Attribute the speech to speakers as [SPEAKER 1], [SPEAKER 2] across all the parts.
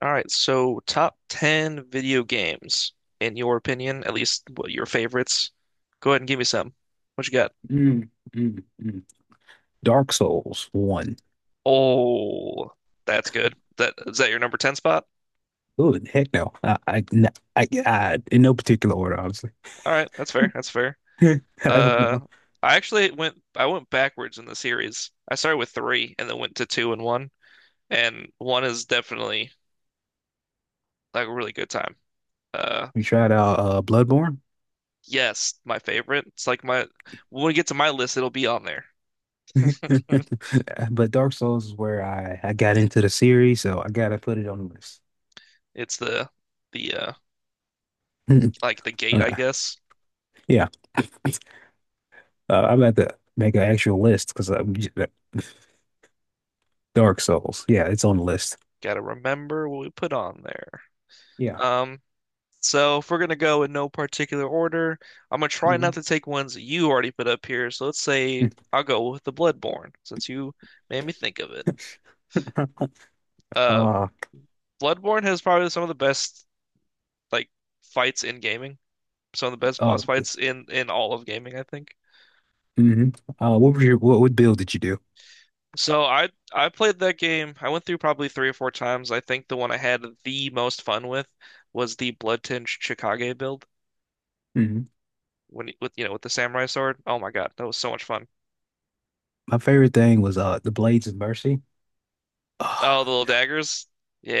[SPEAKER 1] All right, so top 10 video games, in your opinion, at least what your favorites. Go ahead and give me some. What you got?
[SPEAKER 2] Mm, mm, mm. Dark Souls one.
[SPEAKER 1] Oh, that's good. That is that your number 10 spot?
[SPEAKER 2] Oh, heck no. I, n- I- in no particular order, honestly.
[SPEAKER 1] All right, that's fair. That's fair.
[SPEAKER 2] I don't
[SPEAKER 1] Uh,
[SPEAKER 2] know.
[SPEAKER 1] I actually went I went backwards in the series. I started with 3 and then went to 2 and 1, and 1 is definitely like a really good time. Uh,
[SPEAKER 2] We tried out Bloodborne.
[SPEAKER 1] yes, my favorite. It's like my when we get to my list, it'll be on there.
[SPEAKER 2] But Dark Souls is where I got into the series, so I gotta put it on the list.
[SPEAKER 1] It's the like the gate,
[SPEAKER 2] Uh,
[SPEAKER 1] I guess.
[SPEAKER 2] yeah. Uh, I'm about to make an actual list because Dark Souls. Yeah, it's on the list.
[SPEAKER 1] Gotta remember what we put on there.
[SPEAKER 2] Yeah.
[SPEAKER 1] Um, so if we're gonna go in no particular order, I'm gonna try not
[SPEAKER 2] Mhm.
[SPEAKER 1] to take ones you already put up here. So let's say I'll go with the Bloodborne since you made me think of it. Uh,
[SPEAKER 2] Uh,
[SPEAKER 1] Bloodborne has probably some of the best like fights in gaming, some of the best
[SPEAKER 2] uh,
[SPEAKER 1] boss fights in all of gaming, I think.
[SPEAKER 2] mhm. What what build did you do?
[SPEAKER 1] So I played that game. I went through probably three or four times. I think the one I had the most fun with was the Bloodtinge Chickage build.
[SPEAKER 2] Mm-hmm.
[SPEAKER 1] When he- with you know with the samurai sword. Oh my God, that was so much fun.
[SPEAKER 2] My favorite thing was the Blades of Mercy.
[SPEAKER 1] Oh,
[SPEAKER 2] Oh,
[SPEAKER 1] the little daggers.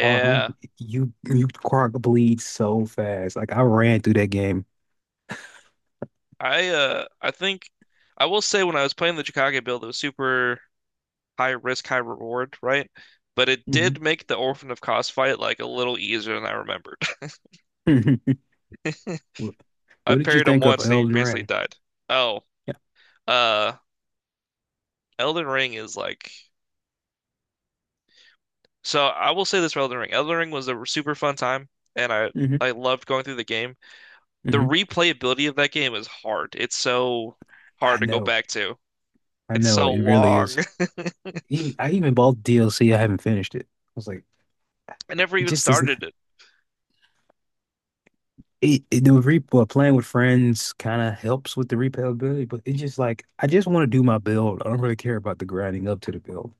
[SPEAKER 2] um, you Quark bleed so fast. Like I ran through that game.
[SPEAKER 1] I think I will say when I was playing the Chicago build, it was super high risk, high reward, right? But it
[SPEAKER 2] Hmm.
[SPEAKER 1] did make the Orphan of Kos fight like a little easier than I remembered.
[SPEAKER 2] Hmm. What,
[SPEAKER 1] I
[SPEAKER 2] what did you
[SPEAKER 1] parried him
[SPEAKER 2] think of
[SPEAKER 1] once and he
[SPEAKER 2] Elden
[SPEAKER 1] basically
[SPEAKER 2] Ring?
[SPEAKER 1] died. Oh,
[SPEAKER 2] Yeah.
[SPEAKER 1] uh, Elden Ring is like so. I will say this for Elden Ring. Elden Ring was a super fun time, and I
[SPEAKER 2] Hmm.
[SPEAKER 1] I loved going through the game. The
[SPEAKER 2] Hmm.
[SPEAKER 1] replayability of that game is hard. It's so
[SPEAKER 2] I
[SPEAKER 1] hard to go
[SPEAKER 2] know.
[SPEAKER 1] back to.
[SPEAKER 2] I
[SPEAKER 1] It's
[SPEAKER 2] know.
[SPEAKER 1] so
[SPEAKER 2] It really
[SPEAKER 1] long.
[SPEAKER 2] is. Even I even bought DLC. I haven't finished it. I was like,
[SPEAKER 1] I never
[SPEAKER 2] it
[SPEAKER 1] even
[SPEAKER 2] just isn't.
[SPEAKER 1] started.
[SPEAKER 2] It the re well, playing with friends kind of helps with the replayability, but it's just like I just want to do my build. I don't really care about the grinding up to the build.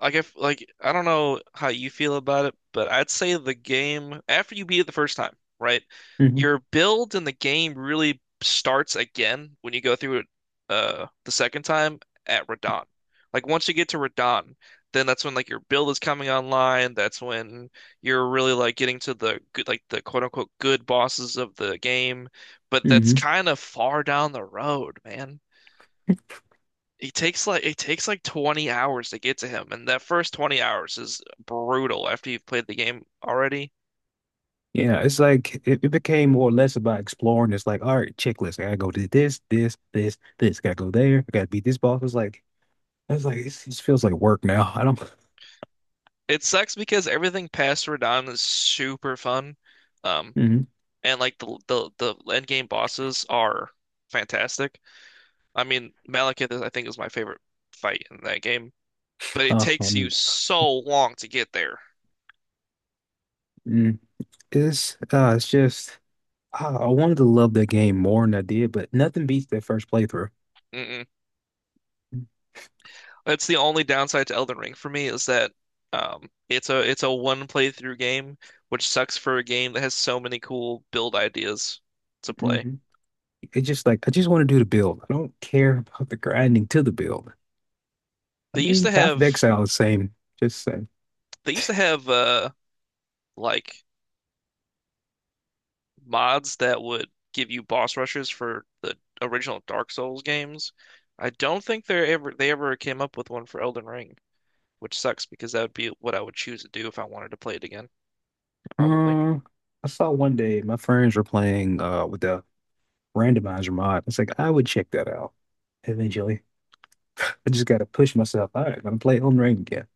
[SPEAKER 1] Like if like I don't know how you feel about it, but I'd say the game after you beat it the first time, right?
[SPEAKER 2] Hmm.
[SPEAKER 1] Your build in the game really starts again when you go through it the second time at Radahn. Like once you get to Radahn, then that's when like your build is coming online. That's when you're really like getting to the good like the quote unquote good bosses of the game. But that's
[SPEAKER 2] Hmm.
[SPEAKER 1] kind of far down the road, man. It takes like 20 hours to get to him, and that first 20 hours is brutal after you've played the game already.
[SPEAKER 2] Yeah, it's like it became more or less about exploring. It's like, all right, checklist. I gotta go to this. Gotta go there. I gotta beat this boss. It just feels like work now. I don't.
[SPEAKER 1] It sucks because everything past Radahn is super fun. Um,
[SPEAKER 2] Mm,
[SPEAKER 1] and like the end game bosses are fantastic. I mean, Malekith, I think, is my favorite fight in that game, but it
[SPEAKER 2] uh,
[SPEAKER 1] takes you
[SPEAKER 2] um,
[SPEAKER 1] so long to get there.
[SPEAKER 2] mm, it's just I wanted to love that game more than I did, but nothing beats that first playthrough.
[SPEAKER 1] Mm-mm. That's the only downside to Elden Ring for me is that it's a one playthrough game, which sucks for a game that has so many cool build ideas to play.
[SPEAKER 2] Hmm. It's just like I just want to do the build. I don't care about the grinding to the build. I
[SPEAKER 1] They used
[SPEAKER 2] mean,
[SPEAKER 1] to
[SPEAKER 2] Path of
[SPEAKER 1] have
[SPEAKER 2] Exile is the same. Just same.
[SPEAKER 1] they used to have like mods that would give you boss rushes for the original Dark Souls games. I don't think they ever came up with one for Elden Ring, which sucks because that would be what I would choose to do if I wanted to play it again, probably.
[SPEAKER 2] Um, I saw one day my friends were playing with the randomizer mod. It's like I would check that out eventually. I just got to push myself. All right, I'm gonna play Elden Ring again.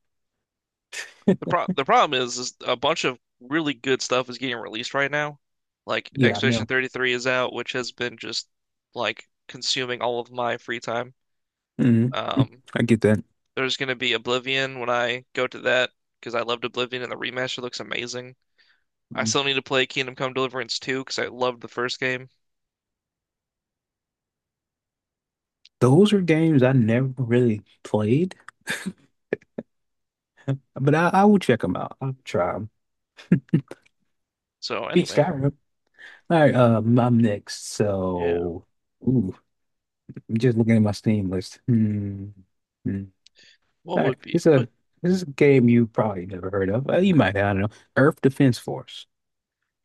[SPEAKER 1] The pro the problem is a bunch of really good stuff is getting released right now. Like
[SPEAKER 2] Yeah, I
[SPEAKER 1] Expedition
[SPEAKER 2] know.
[SPEAKER 1] 33 is out, which has been just like consuming all of my free time.
[SPEAKER 2] Mhm. Mm.
[SPEAKER 1] Um,
[SPEAKER 2] I get that.
[SPEAKER 1] there's gonna be Oblivion when I go to that because I loved Oblivion and the remaster looks amazing. I
[SPEAKER 2] Mhm.
[SPEAKER 1] still need to play Kingdom Come Deliverance 2 because I loved the first game.
[SPEAKER 2] Those are games I never really played, but I will check them out. I'll try them.
[SPEAKER 1] So
[SPEAKER 2] Beat
[SPEAKER 1] anyway,
[SPEAKER 2] Skyrim. All right, I'm next.
[SPEAKER 1] yeah,
[SPEAKER 2] So, ooh, I'm just looking at my Steam list. Hmm. Hmm.
[SPEAKER 1] what
[SPEAKER 2] All right,
[SPEAKER 1] would be
[SPEAKER 2] it's a
[SPEAKER 1] put
[SPEAKER 2] this is a game you probably never heard of. You might, I don't know. Earth Defense Force.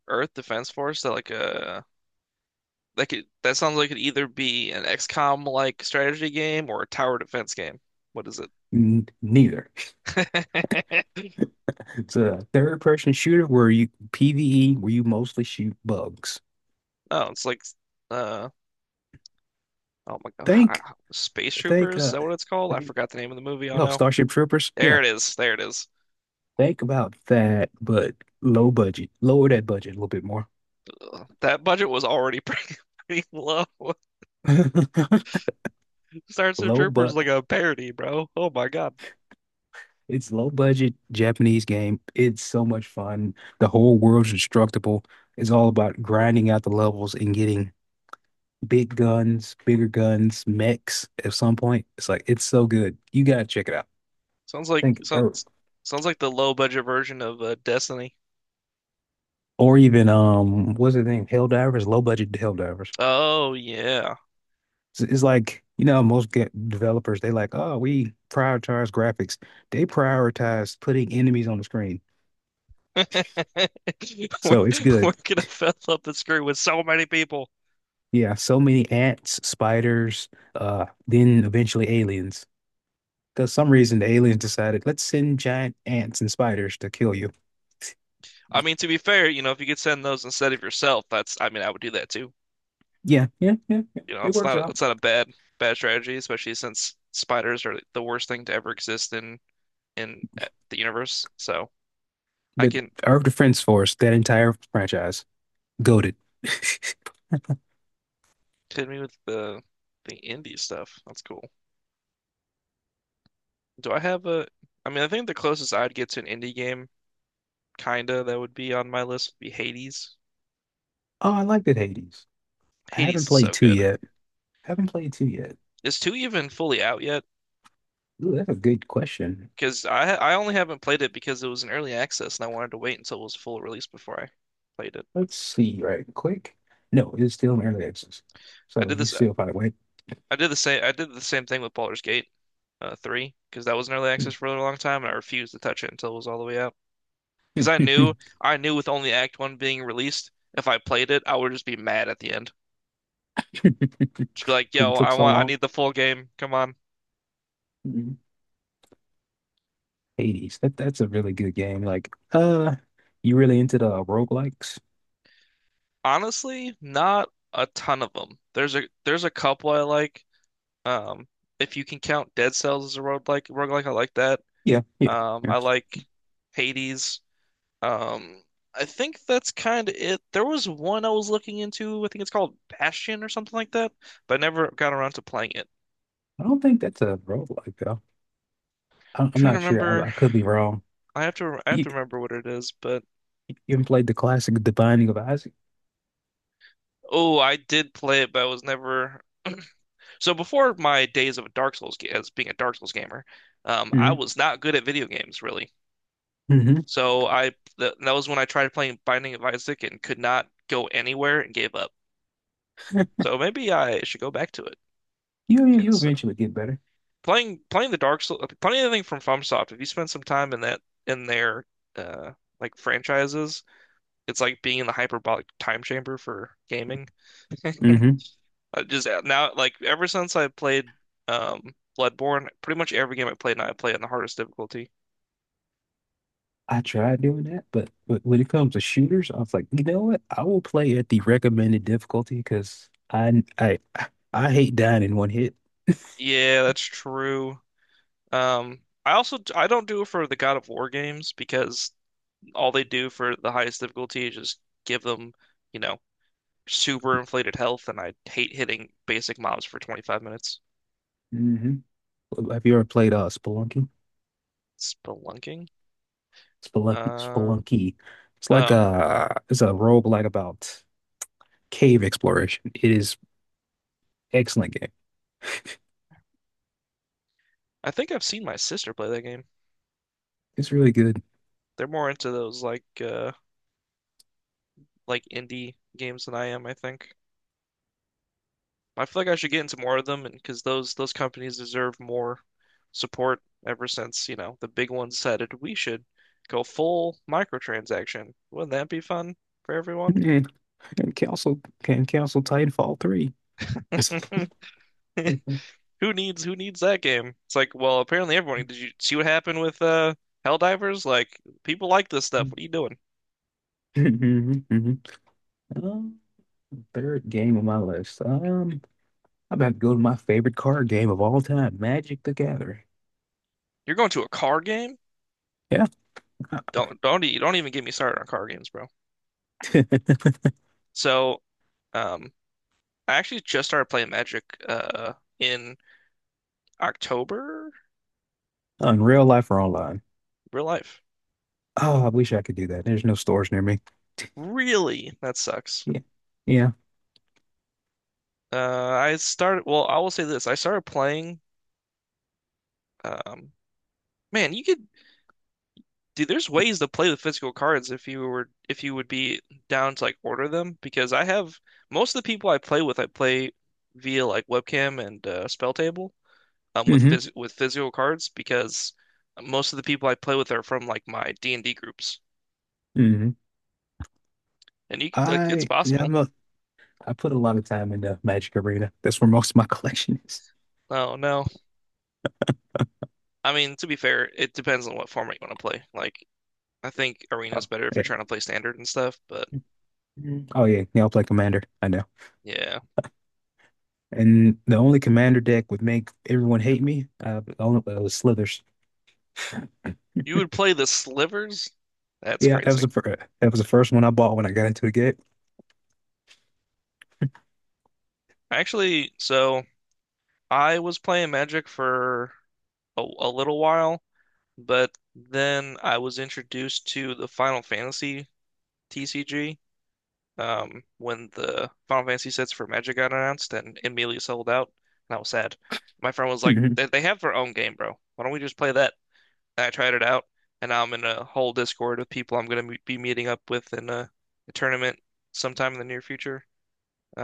[SPEAKER 1] Earth Defense Force, that like that could, that sounds like it could either be an XCOM like strategy game or a tower defense game. What is it?
[SPEAKER 2] N Neither. It's a third person shooter where you PvE, where you mostly shoot bugs.
[SPEAKER 1] Oh, it's like uh oh my God, hi-
[SPEAKER 2] Think
[SPEAKER 1] Space
[SPEAKER 2] think
[SPEAKER 1] Troopers, is that what it's called?
[SPEAKER 2] I
[SPEAKER 1] I
[SPEAKER 2] mean,
[SPEAKER 1] forgot the name of the movie. Oh
[SPEAKER 2] no,
[SPEAKER 1] no.
[SPEAKER 2] Starship Troopers. Yeah.
[SPEAKER 1] There it is. There it is.
[SPEAKER 2] Think about that, but low budget. Lower that budget a little bit more.
[SPEAKER 1] Ugh, that budget was already pretty, pretty low. Starship
[SPEAKER 2] Low
[SPEAKER 1] Troopers is
[SPEAKER 2] but
[SPEAKER 1] like a parody, bro. Oh my God.
[SPEAKER 2] It's low budget Japanese game. It's so much fun. The whole world's instructable. It's all about grinding out the levels and getting big guns, bigger guns, mechs at some point. It's like it's so good. You gotta check it out.
[SPEAKER 1] Sounds like
[SPEAKER 2] Think
[SPEAKER 1] sounds sounds like the low budget version of Destiny.
[SPEAKER 2] or even what's the name, hell divers low budget hell divers
[SPEAKER 1] Oh yeah.
[SPEAKER 2] it's like you know most developers they like, oh we prioritize graphics, they prioritize putting enemies on the screen,
[SPEAKER 1] We're,
[SPEAKER 2] so it's
[SPEAKER 1] we're
[SPEAKER 2] good.
[SPEAKER 1] gonna fill up the screen with so many people.
[SPEAKER 2] Yeah so many ants, spiders, then eventually aliens, because some reason the aliens decided let's send giant ants and spiders to kill you.
[SPEAKER 1] I mean, to be fair, you know, if you could send those instead of yourself, that's I mean, I would do that too.
[SPEAKER 2] Yeah.
[SPEAKER 1] You know,
[SPEAKER 2] It
[SPEAKER 1] it's
[SPEAKER 2] works out.
[SPEAKER 1] not a bad strategy, especially since spiders are the worst thing to ever exist in the universe. So I
[SPEAKER 2] But
[SPEAKER 1] can
[SPEAKER 2] Earth Defense Force, that entire franchise goaded.
[SPEAKER 1] hit me with the indie stuff. That's cool. Do I have a? I mean, I think the closest I'd get to an indie game, kinda, that would be on my list would be Hades.
[SPEAKER 2] Oh, I liked it, Hades. I
[SPEAKER 1] Hades
[SPEAKER 2] haven't
[SPEAKER 1] is
[SPEAKER 2] played
[SPEAKER 1] so
[SPEAKER 2] two
[SPEAKER 1] good.
[SPEAKER 2] yet. Haven't played two yet.
[SPEAKER 1] Is two even fully out yet?
[SPEAKER 2] Ooh, that's a good question.
[SPEAKER 1] Because I only haven't played it because it was an early access and I wanted to wait until it was full release before I played it.
[SPEAKER 2] Let's see right quick. No, it's still in early access.
[SPEAKER 1] I
[SPEAKER 2] So
[SPEAKER 1] did
[SPEAKER 2] you
[SPEAKER 1] this
[SPEAKER 2] still probably wait.
[SPEAKER 1] I did the same. I did the same thing with Baldur's Gate, three, because that was in early access for a really long time, and I refused to touch it until it was all the way out. Because I knew with only Act One being released, if I played it, I would just be mad at the end. Just be like,
[SPEAKER 2] 'Cause
[SPEAKER 1] "Yo,
[SPEAKER 2] it took
[SPEAKER 1] I
[SPEAKER 2] so
[SPEAKER 1] want, I
[SPEAKER 2] long.
[SPEAKER 1] need the full game. Come on."
[SPEAKER 2] Mhm. Hades. That that's a really good game. Like, you really into the roguelikes?
[SPEAKER 1] Honestly, not a ton of them. There's a couple I like. Um, if you can count Dead Cells as a roguelike, I like that.
[SPEAKER 2] Yeah, yeah, yeah.
[SPEAKER 1] I like Hades. Um, I think that's kind of it. There was one I was looking into. I think it's called Bastion or something like that, but I never got around to playing it. I'm
[SPEAKER 2] I don't think that's a roguelike though. I'm
[SPEAKER 1] trying to
[SPEAKER 2] not sure.
[SPEAKER 1] remember.
[SPEAKER 2] I could be wrong.
[SPEAKER 1] I have to. I have
[SPEAKER 2] You,
[SPEAKER 1] to remember what it is. But
[SPEAKER 2] you have played the classic, The Binding of Isaac?
[SPEAKER 1] oh, I did play it, but I was never. So before my days of a Dark Souls ga- as being a Dark Souls gamer, I
[SPEAKER 2] Hmm.
[SPEAKER 1] was not good at video games really.
[SPEAKER 2] Hmm.
[SPEAKER 1] So I th that was when I tried playing Binding of Isaac and could not go anywhere and gave up. So maybe I should go back to it
[SPEAKER 2] You
[SPEAKER 1] because
[SPEAKER 2] eventually get better.
[SPEAKER 1] playing the Dark Souls, playing anything from FromSoft. If you spend some time in that in their uh like franchises, it's like being in the hyperbolic time chamber for gaming.
[SPEAKER 2] Hmm.
[SPEAKER 1] I just now, like ever since I played um Bloodborne, pretty much every game I play now I play it in the hardest difficulty.
[SPEAKER 2] I tried doing that, but when it comes to shooters, I was like, you know what? I will play at the recommended difficulty because I I hate dying in one hit.
[SPEAKER 1] Yeah, that's true. I also I don't do it for the God of War games because all they do for the highest difficulty is just give them, you know, super inflated health, and I hate hitting basic mobs for 25 minutes.
[SPEAKER 2] Hmm. Have you ever played Spelunky?
[SPEAKER 1] Spelunking? Uh
[SPEAKER 2] Spelunky. It's like
[SPEAKER 1] oh.
[SPEAKER 2] a it's a roguelike about cave exploration. It is excellent game.
[SPEAKER 1] I think I've seen my sister play that game.
[SPEAKER 2] It's really good.
[SPEAKER 1] They're more into those like indie games than I am, I think. I feel like I should get into more of them and because those companies deserve more support ever since, you know, the big ones said decided we should go full microtransaction. Wouldn't that be fun for everyone?
[SPEAKER 2] And, and Council can Council Titanfall 3.
[SPEAKER 1] Who needs that game? It's like, well, apparently everyone. Did you see what happened with Helldivers? Like, people like this stuff. What are you doing?
[SPEAKER 2] Hmm. Third game on my list. I'm about to go to my favorite card game of all time, Magic the Gathering.
[SPEAKER 1] You're going to a card game?
[SPEAKER 2] Yeah.
[SPEAKER 1] Don't even get me started on card games, bro. So, um, I actually just started playing Magic in October,
[SPEAKER 2] On real life or online.
[SPEAKER 1] real life.
[SPEAKER 2] Oh, I wish I could do that. There's no stores near me.
[SPEAKER 1] Really? That sucks.
[SPEAKER 2] Yeah. Yeah.
[SPEAKER 1] Uh, I will say this: I started playing. Um, man, you could dude. There's ways to play with physical cards if you were if you would be down to like order them. Because I have most of the people I play with, I play via like webcam and spell table. um with
[SPEAKER 2] Mm-hmm.
[SPEAKER 1] phys with physical cards because most of the people I play with are from like my D&D groups.
[SPEAKER 2] Mm-hmm.
[SPEAKER 1] And you could, like, it's
[SPEAKER 2] I Yeah,
[SPEAKER 1] possible.
[SPEAKER 2] I put a lot of time into Magic Arena. That's where most of my collection is.
[SPEAKER 1] No, no. I mean, to be fair, it depends on what format you want to play. Like, I think Arena's
[SPEAKER 2] Oh,
[SPEAKER 1] better if you're
[SPEAKER 2] yeah.
[SPEAKER 1] trying to play standard and stuff, but
[SPEAKER 2] Mhm. Oh yeah, yeah, I play Commander. I know.
[SPEAKER 1] yeah.
[SPEAKER 2] And the only Commander deck would make everyone hate me. Was Slithers.
[SPEAKER 1] You would play the slivers? That's
[SPEAKER 2] Yeah,
[SPEAKER 1] crazy.
[SPEAKER 2] that was the first one I bought when I got into the game.
[SPEAKER 1] Actually, so I was playing Magic for a little while, but then I was introduced to the Final Fantasy TCG when the Final Fantasy sets for Magic got announced and immediately sold out, and I was sad. My friend was like, they have their own game, bro. Why don't we just play that? And I tried it out, and now I'm in a whole Discord with people I'm going to be meeting up with in a tournament sometime in the near future.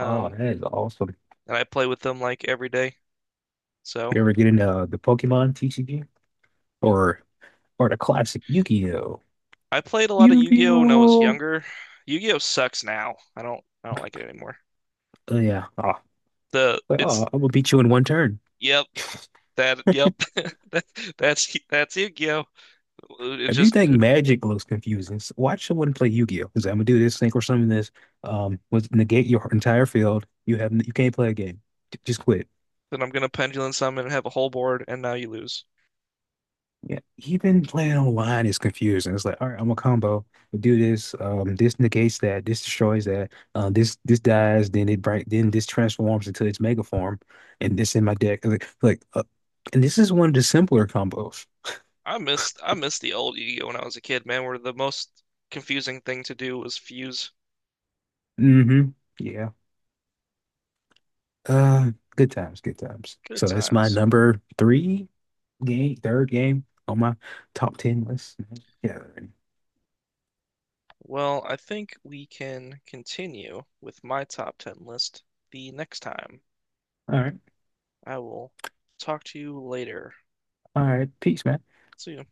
[SPEAKER 2] Oh, that is awesome.
[SPEAKER 1] and I play with them like every day. So
[SPEAKER 2] You ever get into the Pokemon TCG, or or the classic Yu-Gi-Oh?
[SPEAKER 1] I played a lot of Yu-Gi-Oh when I was
[SPEAKER 2] Yu-Gi-Oh!
[SPEAKER 1] younger. Yu-Gi-Oh sucks now. I don't like it anymore.
[SPEAKER 2] Oh yeah. Oh,
[SPEAKER 1] The
[SPEAKER 2] like, oh,
[SPEAKER 1] it's
[SPEAKER 2] I'm gonna beat you in one turn.
[SPEAKER 1] yep, that yep. That, that's that's Yu-Gi-Oh. It
[SPEAKER 2] If you
[SPEAKER 1] just
[SPEAKER 2] think Magic looks confusing, watch someone play Yu-Gi-Oh! Because I'm gonna do this thing or something. This, was negate your entire field. You have you can't play a game. Just quit.
[SPEAKER 1] then I'm gonna pendulum summon and have a whole board, and now you lose.
[SPEAKER 2] Yeah, even playing online is confusing. It's like, all right, I'm a combo. Do this. This negates that. This destroys that. This this dies. Then it break. Then this transforms into its mega form, and this in my deck. Like, and this is one of the simpler combos.
[SPEAKER 1] I missed the old Yu-Gi-Oh when I was a kid, man, where the most confusing thing to do was fuse.
[SPEAKER 2] Mm-hmm. Yeah. Uh, good times, good times.
[SPEAKER 1] Good
[SPEAKER 2] So that's my
[SPEAKER 1] times.
[SPEAKER 2] number three game, third game on my top ten list. Yeah.
[SPEAKER 1] Well, I think we can continue with my top 10 list the next time.
[SPEAKER 2] All right.
[SPEAKER 1] I will talk to you later.
[SPEAKER 2] All right. Peace, man.
[SPEAKER 1] See you.